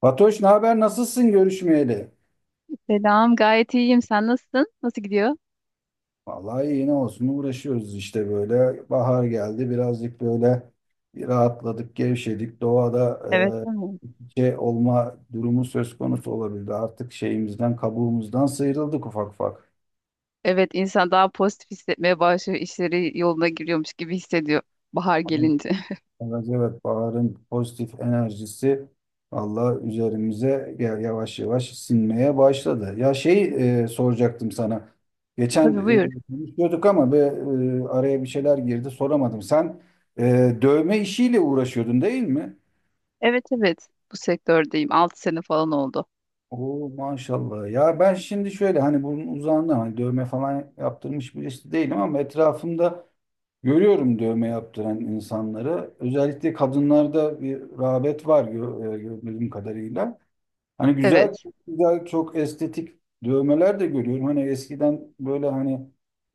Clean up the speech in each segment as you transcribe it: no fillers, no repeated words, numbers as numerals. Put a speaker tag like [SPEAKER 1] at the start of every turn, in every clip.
[SPEAKER 1] Fatoş, ne haber? Nasılsın görüşmeyeli?
[SPEAKER 2] Selam, gayet iyiyim. Sen nasılsın? Nasıl gidiyor?
[SPEAKER 1] Vallahi iyi ne olsun, uğraşıyoruz işte böyle. Bahar geldi, birazcık böyle bir rahatladık, gevşedik. Doğada
[SPEAKER 2] Evet, değil mi?
[SPEAKER 1] şey olma durumu söz konusu olabildi. Artık şeyimizden, kabuğumuzdan sıyrıldık ufak ufak.
[SPEAKER 2] Evet, insan daha pozitif hissetmeye başlıyor. İşleri yoluna giriyormuş gibi hissediyor bahar gelince.
[SPEAKER 1] Evet, evet, baharın pozitif enerjisi Allah üzerimize yavaş yavaş sinmeye başladı. Ya şey, soracaktım sana. Geçen
[SPEAKER 2] Tabii, buyur.
[SPEAKER 1] konuşuyorduk ama araya bir şeyler girdi, soramadım. Sen dövme işiyle uğraşıyordun, değil mi?
[SPEAKER 2] Evet, evet. Bu sektördeyim. 6 sene falan oldu.
[SPEAKER 1] Oo, maşallah. Ya ben şimdi şöyle, hani bunun uzağında, hani dövme falan yaptırmış birisi değilim, ama etrafımda görüyorum dövme yaptıran insanları. Özellikle kadınlarda bir rağbet var, gördüğüm kadarıyla. Hani güzel,
[SPEAKER 2] Evet,
[SPEAKER 1] güzel, çok estetik dövmeler de görüyorum. Hani eskiden böyle, hani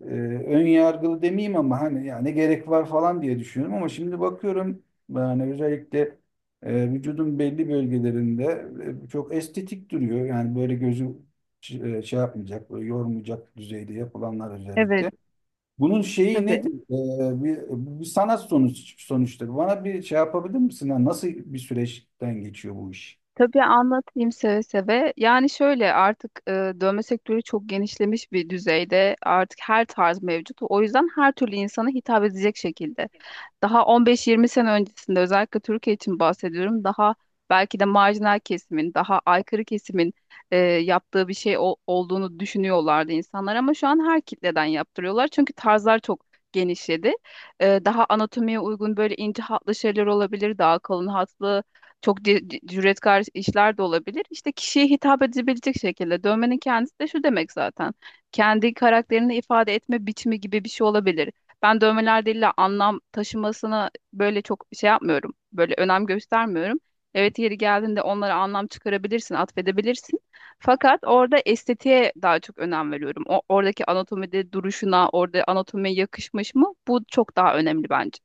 [SPEAKER 1] e, ön yargılı demeyeyim ama hani ya ne gerek var falan diye düşünüyorum, ama şimdi bakıyorum yani, özellikle vücudun belli bölgelerinde çok estetik duruyor. Yani böyle gözü şey yapmayacak, böyle yormayacak düzeyde yapılanlar
[SPEAKER 2] evet.
[SPEAKER 1] özellikle. Bunun şeyi
[SPEAKER 2] Tabii.
[SPEAKER 1] nedir? Bir sanat sonuçtur. Bana bir şey yapabilir misin? Yani nasıl bir süreçten geçiyor bu iş?
[SPEAKER 2] Tabii anlatayım seve seve. Yani şöyle artık dövme sektörü çok genişlemiş bir düzeyde. Artık her tarz mevcut. O yüzden her türlü insana hitap edecek şekilde. Daha 15-20 sene öncesinde özellikle Türkiye için bahsediyorum. Daha belki de marjinal kesimin, daha aykırı kesimin yaptığı bir şey olduğunu düşünüyorlardı insanlar ama şu an her kitleden yaptırıyorlar. Çünkü tarzlar çok genişledi. Daha anatomiye uygun böyle ince hatlı şeyler olabilir, daha kalın hatlı çok cüretkar işler de olabilir. İşte kişiye hitap edebilecek şekilde dövmenin kendisi de şu demek zaten. Kendi karakterini ifade etme biçimi gibi bir şey olabilir. Ben dövmeler değil de anlam taşımasına böyle çok şey yapmıyorum. Böyle önem göstermiyorum. Evet, yeri geldiğinde onlara anlam çıkarabilirsin, atfedebilirsin. Fakat orada estetiğe daha çok önem veriyorum. Oradaki anatomide duruşuna, orada anatomiye yakışmış mı? Bu çok daha önemli bence.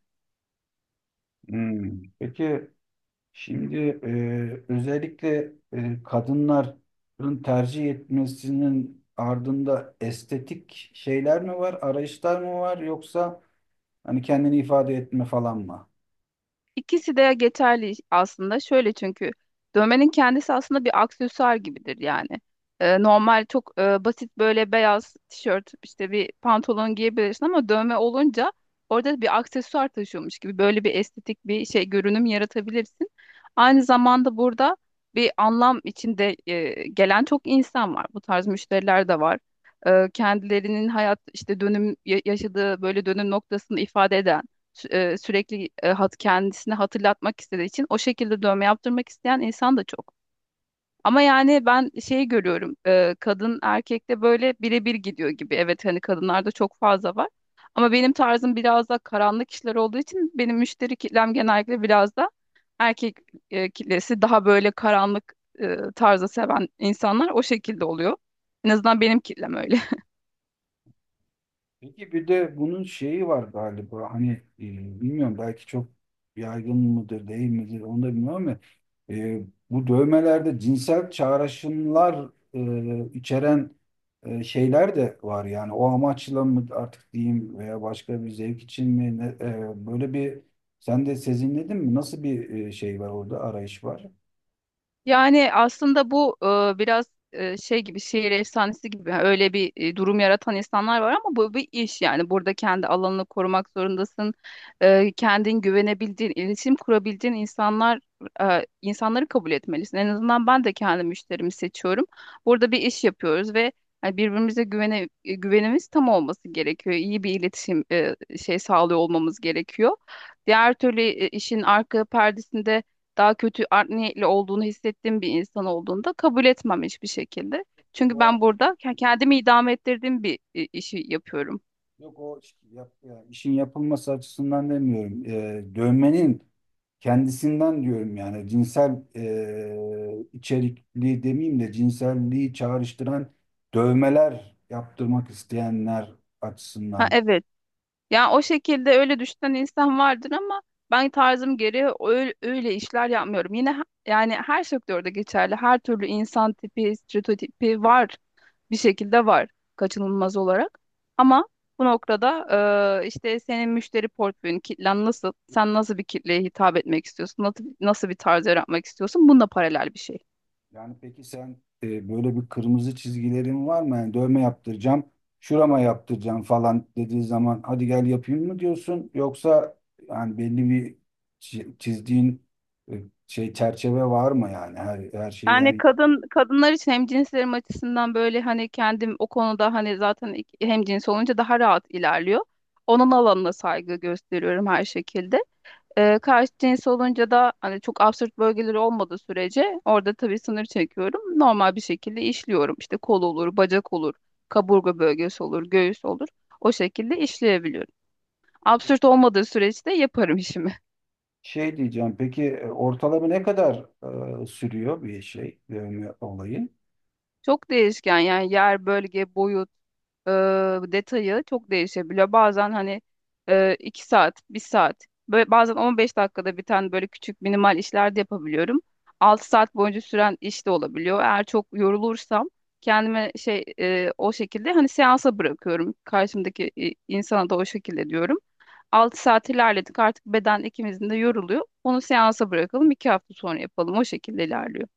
[SPEAKER 1] Hmm. Peki, şimdi özellikle kadınların tercih etmesinin ardında estetik şeyler mi var, arayışlar mı var, yoksa hani kendini ifade etme falan mı?
[SPEAKER 2] İkisi de geçerli aslında. Şöyle, çünkü dövmenin kendisi aslında bir aksesuar gibidir yani. Normal, çok basit, böyle beyaz tişört, işte bir pantolon giyebilirsin ama dövme olunca orada bir aksesuar taşıyormuş gibi böyle bir estetik, bir şey görünüm yaratabilirsin. Aynı zamanda burada bir anlam içinde gelen çok insan var. Bu tarz müşteriler de var. Kendilerinin hayat işte dönüm yaşadığı böyle dönüm noktasını ifade eden sürekli hat kendisini hatırlatmak istediği için o şekilde dövme yaptırmak isteyen insan da çok. Ama yani ben şeyi görüyorum, kadın erkekte böyle birebir gidiyor gibi. Evet, hani kadınlarda çok fazla var. Ama benim tarzım biraz da karanlık işler olduğu için benim müşteri kitlem genellikle biraz da erkek kitlesi, daha böyle karanlık tarzı seven insanlar, o şekilde oluyor. En azından benim kitlem öyle.
[SPEAKER 1] Peki bir de bunun şeyi var galiba, hani e, bilmiyorum, belki çok yaygın mıdır değil midir onu da bilmiyorum, ama e, bu dövmelerde cinsel çağrışımlar içeren şeyler de var, yani o amaçla mı artık diyeyim, veya başka bir zevk için mi, böyle bir sen de sezinledin mi, nasıl bir şey var orada, arayış var?
[SPEAKER 2] Yani aslında bu biraz şey gibi, şehir efsanesi gibi yani. Öyle bir durum yaratan insanlar var ama bu bir iş, yani burada kendi alanını korumak zorundasın. Kendin güvenebildiğin, iletişim kurabildiğin insanlar insanları kabul etmelisin. En azından ben de kendi müşterimi seçiyorum. Burada bir iş yapıyoruz ve hani birbirimize güvenimiz tam olması gerekiyor. İyi bir iletişim şey sağlıyor olmamız gerekiyor. Diğer türlü işin arka perdesinde daha kötü, art niyetli olduğunu hissettiğim bir insan olduğunda kabul etmem hiçbir şekilde.
[SPEAKER 1] Yok
[SPEAKER 2] Çünkü ben
[SPEAKER 1] o,
[SPEAKER 2] burada kendimi idame ettirdiğim bir işi yapıyorum.
[SPEAKER 1] yok, yani işin yapılması açısından demiyorum. Dövmenin kendisinden diyorum, yani cinsel içerikli demeyeyim de, cinselliği çağrıştıran dövmeler yaptırmak isteyenler
[SPEAKER 2] Ha
[SPEAKER 1] açısından.
[SPEAKER 2] evet. Ya, o şekilde öyle düşünen insan vardır ama ben tarzım gereği öyle işler yapmıyorum. Yine yani her sektörde geçerli. Her türlü insan tipi, stereotipi var. Bir şekilde var, kaçınılmaz olarak. Ama bu noktada işte senin müşteri portföyün, kitlen nasıl, sen nasıl bir kitleye hitap etmek istiyorsun, nasıl bir tarz yaratmak istiyorsun, bununla paralel bir şey.
[SPEAKER 1] Yani peki sen böyle bir kırmızı çizgilerin var mı? Yani dövme yaptıracağım, şurama yaptıracağım falan dediği zaman, hadi gel yapayım mı diyorsun? Yoksa yani belli bir çizdiğin şey, çerçeve var mı, yani her, her şeyi
[SPEAKER 2] Yani
[SPEAKER 1] her
[SPEAKER 2] kadınlar için, hemcinslerim açısından, böyle hani kendim o konuda, hani zaten hemcins olunca daha rahat ilerliyor. Onun alanına saygı gösteriyorum her şekilde. Karşı cins olunca da hani çok absürt bölgeleri olmadığı sürece orada tabii sınır çekiyorum. Normal bir şekilde işliyorum. İşte kol olur, bacak olur, kaburga bölgesi olur, göğüs olur. O şekilde işleyebiliyorum. Absürt olmadığı süreçte yaparım işimi.
[SPEAKER 1] Şey diyeceğim, peki ortalama ne kadar sürüyor bir şey, dövme olayı?
[SPEAKER 2] Çok değişken yani; yer, bölge, boyut, e, detayı çok değişebiliyor. Bazen hani 2 saat, bir saat, böyle, bazen 15 dakikada biten böyle küçük minimal işler de yapabiliyorum. 6 saat boyunca süren iş de olabiliyor. Eğer çok yorulursam kendime o şekilde hani seansa bırakıyorum. Karşımdaki insana da o şekilde diyorum. 6 saat ilerledik, artık beden ikimizin de yoruluyor. Onu seansa bırakalım, 2 hafta sonra yapalım. O şekilde ilerliyor.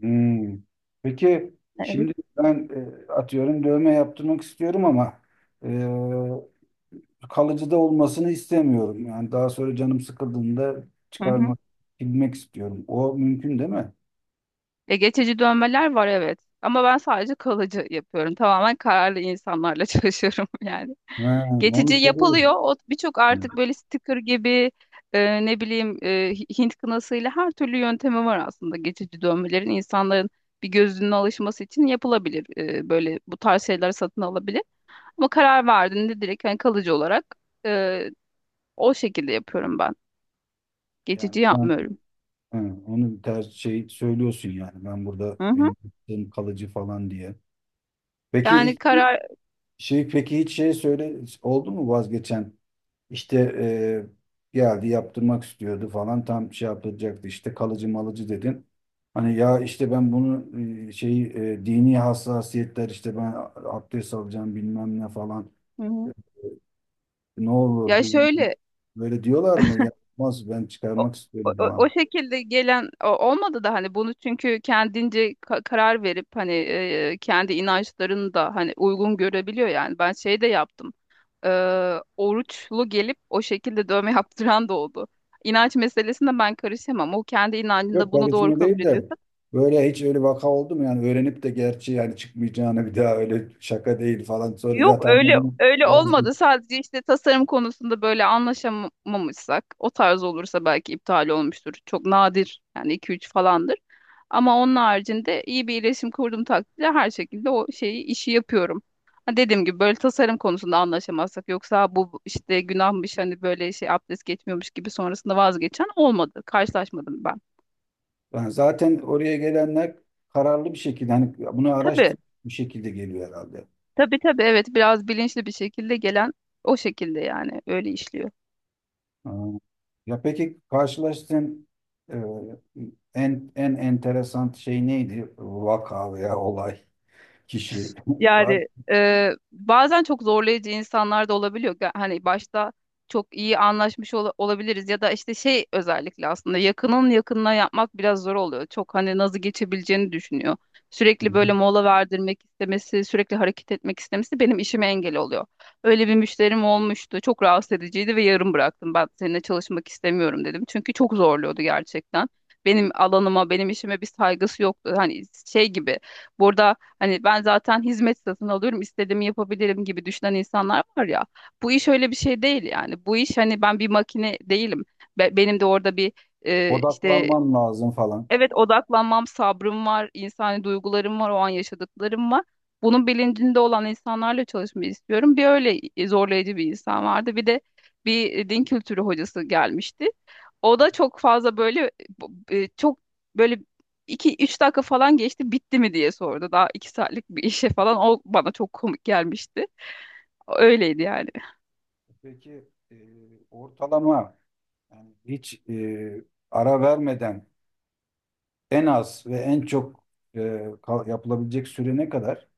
[SPEAKER 1] Hmm. Peki
[SPEAKER 2] Evet.
[SPEAKER 1] şimdi ben atıyorum, dövme yaptırmak istiyorum, ama kalıcı da olmasını istemiyorum. Yani daha sonra canım sıkıldığında çıkarmak, silmek istiyorum. O mümkün değil mi?
[SPEAKER 2] Ya, geçici dönmeler var evet. Ama ben sadece kalıcı yapıyorum. Tamamen kararlı insanlarla çalışıyorum yani.
[SPEAKER 1] Ha, onu
[SPEAKER 2] Geçici
[SPEAKER 1] soruyorum.
[SPEAKER 2] yapılıyor. O birçok, artık böyle sticker gibi, ne bileyim, Hint kınasıyla, her türlü yöntemi var aslında geçici dönmelerin. İnsanların bir gözünün alışması için yapılabilir. Böyle bu tarz şeyler satın alabilir. Ama karar verdiğinde direkt hani kalıcı olarak e, o şekilde yapıyorum ben. Geçici
[SPEAKER 1] Yani sen
[SPEAKER 2] yapmıyorum.
[SPEAKER 1] ha, onu ters şey söylüyorsun yani, ben burada
[SPEAKER 2] Hı hı.
[SPEAKER 1] benim yaptığım kalıcı falan diye. Peki
[SPEAKER 2] Yani
[SPEAKER 1] ilk
[SPEAKER 2] karar
[SPEAKER 1] Şey, peki hiç şey söyle oldu mu vazgeçen? İşte geldi, yaptırmak istiyordu falan, tam şey yaptıracaktı işte, kalıcı malıcı dedin. Hani ya işte, ben bunu şey dini hassasiyetler, işte ben abdest alacağım bilmem ne falan.
[SPEAKER 2] Hı
[SPEAKER 1] e,
[SPEAKER 2] hı.
[SPEAKER 1] Ne olur
[SPEAKER 2] Ya şöyle,
[SPEAKER 1] böyle diyorlar mı? Ya, olmaz, ben
[SPEAKER 2] o,
[SPEAKER 1] çıkarmak
[SPEAKER 2] o,
[SPEAKER 1] istiyorum falan.
[SPEAKER 2] o şekilde gelen olmadı da, hani bunu çünkü kendince karar verip hani kendi inançlarını da hani uygun görebiliyor yani. Ben şey de yaptım, E, oruçlu gelip o şekilde dövme yaptıran da oldu. İnanç meselesinde ben karışamam. O kendi
[SPEAKER 1] Yok
[SPEAKER 2] inancında bunu doğru
[SPEAKER 1] karizma
[SPEAKER 2] kabul
[SPEAKER 1] değil de,
[SPEAKER 2] ediyorsa.
[SPEAKER 1] böyle hiç öyle vaka oldu mu? Yani öğrenip de, gerçi yani çıkmayacağını bir daha, öyle şaka değil falan, sonra ya
[SPEAKER 2] Yok,
[SPEAKER 1] tamam o
[SPEAKER 2] öyle
[SPEAKER 1] zaman
[SPEAKER 2] öyle olmadı.
[SPEAKER 1] vazgeçtim.
[SPEAKER 2] Sadece işte tasarım konusunda böyle anlaşamamışsak, o tarz olursa belki iptal olmuştur. Çok nadir yani, iki üç falandır. Ama onun haricinde iyi bir iletişim kurduğum takdirde her şekilde o şeyi, işi yapıyorum. Ha, dediğim gibi böyle tasarım konusunda anlaşamazsak; yoksa bu işte günahmış, hani böyle şey, abdest geçmiyormuş gibi sonrasında vazgeçen olmadı. Karşılaşmadım ben.
[SPEAKER 1] Yani zaten oraya gelenler kararlı bir şekilde hani bunu
[SPEAKER 2] Tabii,
[SPEAKER 1] araştırıp bir şekilde geliyor herhalde.
[SPEAKER 2] tabii tabii evet, biraz bilinçli bir şekilde gelen o şekilde yani, öyle işliyor.
[SPEAKER 1] Ha. Ya peki karşılaştığın e, en en enteresan şey neydi? Vaka veya olay, kişi var.
[SPEAKER 2] Yani bazen çok zorlayıcı insanlar da olabiliyor. Hani başta çok iyi anlaşmış olabiliriz ya da işte şey, özellikle aslında yakının yakınına yapmak biraz zor oluyor. Çok hani nazı geçebileceğini düşünüyor.
[SPEAKER 1] Hı hı.
[SPEAKER 2] Sürekli böyle mola verdirmek istemesi, sürekli hareket etmek istemesi benim işime engel oluyor. Öyle bir müşterim olmuştu. Çok rahatsız ediciydi ve yarım bıraktım. Ben seninle çalışmak istemiyorum dedim. Çünkü çok zorluyordu gerçekten. Benim alanıma, benim işime bir saygısı yoktu. Hani şey gibi. Burada hani ben zaten hizmet satın alıyorum, istediğimi yapabilirim gibi düşünen insanlar var ya. Bu iş öyle bir şey değil yani. Bu iş hani, ben bir makine değilim. Benim de orada bir işte.
[SPEAKER 1] Odaklanman lazım falan.
[SPEAKER 2] Evet, odaklanmam, sabrım var, insani duygularım var, o an yaşadıklarım var. Bunun bilincinde olan insanlarla çalışmayı istiyorum. Bir öyle zorlayıcı bir insan vardı. Bir de bir din kültürü hocası gelmişti. O da çok fazla böyle çok böyle iki üç dakika falan geçti, bitti mi diye sordu. Daha 2 saatlik bir işe falan, o bana çok komik gelmişti. Öyleydi yani.
[SPEAKER 1] Peki ortalama yani, hiç ara vermeden en az ve en çok yapılabilecek süre ne kadar?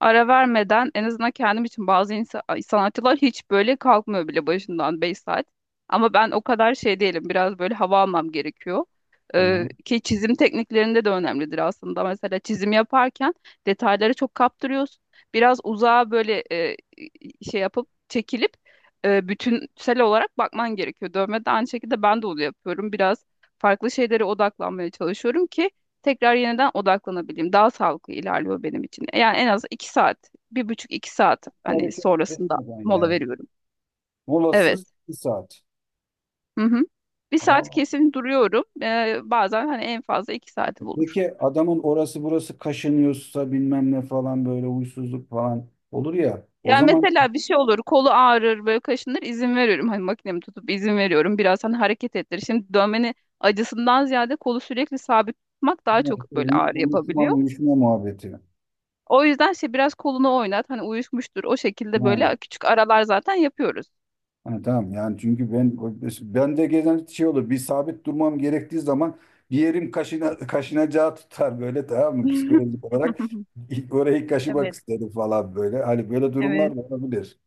[SPEAKER 2] Ara vermeden en azından kendim için, bazı sanatçılar hiç böyle kalkmıyor bile başından, 5 saat. Ama ben o kadar şey değilim. Biraz böyle hava almam gerekiyor.
[SPEAKER 1] Tamam.
[SPEAKER 2] Ki çizim tekniklerinde de önemlidir aslında. Mesela çizim yaparken detayları çok kaptırıyorsun. Biraz uzağa böyle şey yapıp çekilip bütünsel olarak bakman gerekiyor. Dövme de aynı şekilde, ben de onu yapıyorum. Biraz farklı şeylere odaklanmaya çalışıyorum ki tekrar yeniden odaklanabileyim. Daha sağlıklı ilerliyor benim için. Yani en az iki saat, bir buçuk iki saat hani
[SPEAKER 1] Hareket
[SPEAKER 2] sonrasında
[SPEAKER 1] etmeden
[SPEAKER 2] mola
[SPEAKER 1] yani,
[SPEAKER 2] veriyorum. Evet.
[SPEAKER 1] molasız bir saat.
[SPEAKER 2] Hı hı. Bir saat
[SPEAKER 1] Aa,
[SPEAKER 2] kesin duruyorum. Bazen hani en fazla iki saati bulur.
[SPEAKER 1] peki adamın orası burası kaşınıyorsa bilmem ne falan, böyle huysuzluk falan olur ya. O
[SPEAKER 2] Yani
[SPEAKER 1] zaman
[SPEAKER 2] mesela bir şey olur, kolu ağrır, böyle kaşınır, izin veriyorum. Hani makinemi tutup izin veriyorum. Biraz hani hareket ettir. Şimdi dövmenin acısından ziyade kolu sürekli sabit tutmak daha
[SPEAKER 1] yani
[SPEAKER 2] çok
[SPEAKER 1] işte
[SPEAKER 2] böyle ağrı
[SPEAKER 1] uyuşma
[SPEAKER 2] yapabiliyor.
[SPEAKER 1] uyuşma muhabbeti.
[SPEAKER 2] O yüzden şey, biraz kolunu oynat, hani uyuşmuştur. O şekilde
[SPEAKER 1] Ha,
[SPEAKER 2] böyle küçük aralar zaten yapıyoruz.
[SPEAKER 1] ha, tamam yani, çünkü ben de gelen şey olur, bir sabit durmam gerektiği zaman bir yerim kaşına, kaşınacağı tutar böyle, tamam mı, psikolojik olarak orayı kaşımak
[SPEAKER 2] Evet,
[SPEAKER 1] isterim falan böyle. Hani böyle
[SPEAKER 2] evet,
[SPEAKER 1] durumlar da olabilir.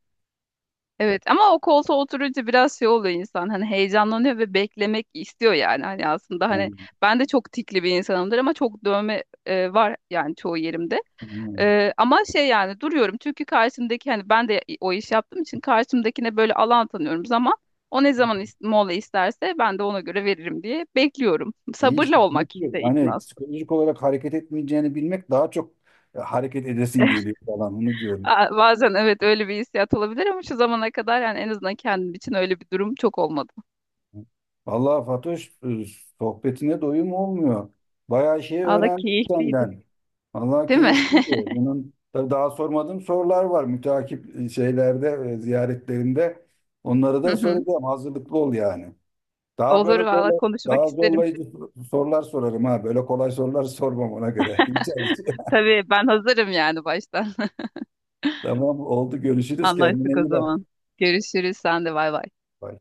[SPEAKER 2] evet. Ama o koltuğa oturunca biraz şey oluyor insan. Hani heyecanlanıyor ve beklemek istiyor yani. Hani aslında hani ben de çok tikli bir insanımdır ama çok dövme var yani, çoğu yerimde.
[SPEAKER 1] Yani,
[SPEAKER 2] Ama şey yani, duruyorum çünkü karşımdaki, hani ben de o iş yaptığım için karşımdakine böyle alan tanıyorum zaman. O ne zaman mola isterse ben de ona göre veririm diye bekliyorum.
[SPEAKER 1] İyi işte.
[SPEAKER 2] Sabırlı olmak
[SPEAKER 1] Çünkü
[SPEAKER 2] işte, işin
[SPEAKER 1] hani
[SPEAKER 2] aslı.
[SPEAKER 1] psikolojik olarak hareket etmeyeceğini bilmek, daha çok hareket edesin geliyor falan. Onu diyorum.
[SPEAKER 2] Aa, bazen evet öyle bir hissiyat olabilir ama şu zamana kadar, yani en azından kendim için öyle bir durum çok olmadı.
[SPEAKER 1] Vallahi Fatoş, sohbetine doyum olmuyor. Bayağı şey
[SPEAKER 2] Valla
[SPEAKER 1] öğrendim
[SPEAKER 2] keyifliydi.
[SPEAKER 1] senden. Vallahi
[SPEAKER 2] Değil mi?
[SPEAKER 1] keyifliydi. Bunun tabii daha sormadığım sorular var. Müteakip şeylerde, ziyaretlerinde. Onları
[SPEAKER 2] Hı
[SPEAKER 1] da
[SPEAKER 2] hı.
[SPEAKER 1] soracağım. Hazırlıklı ol yani. Daha
[SPEAKER 2] Olur,
[SPEAKER 1] böyle
[SPEAKER 2] valla konuşmak
[SPEAKER 1] daha
[SPEAKER 2] isterim.
[SPEAKER 1] zorlayıcı sorular sorarım ha. Böyle kolay sorular sormam, ona göre. İyi çalış.
[SPEAKER 2] Tabii, ben hazırım yani baştan.
[SPEAKER 1] Tamam oldu, görüşürüz, kendine
[SPEAKER 2] Anlaştık o
[SPEAKER 1] iyi bak.
[SPEAKER 2] zaman. Görüşürüz, sen de bay bay.
[SPEAKER 1] Bay.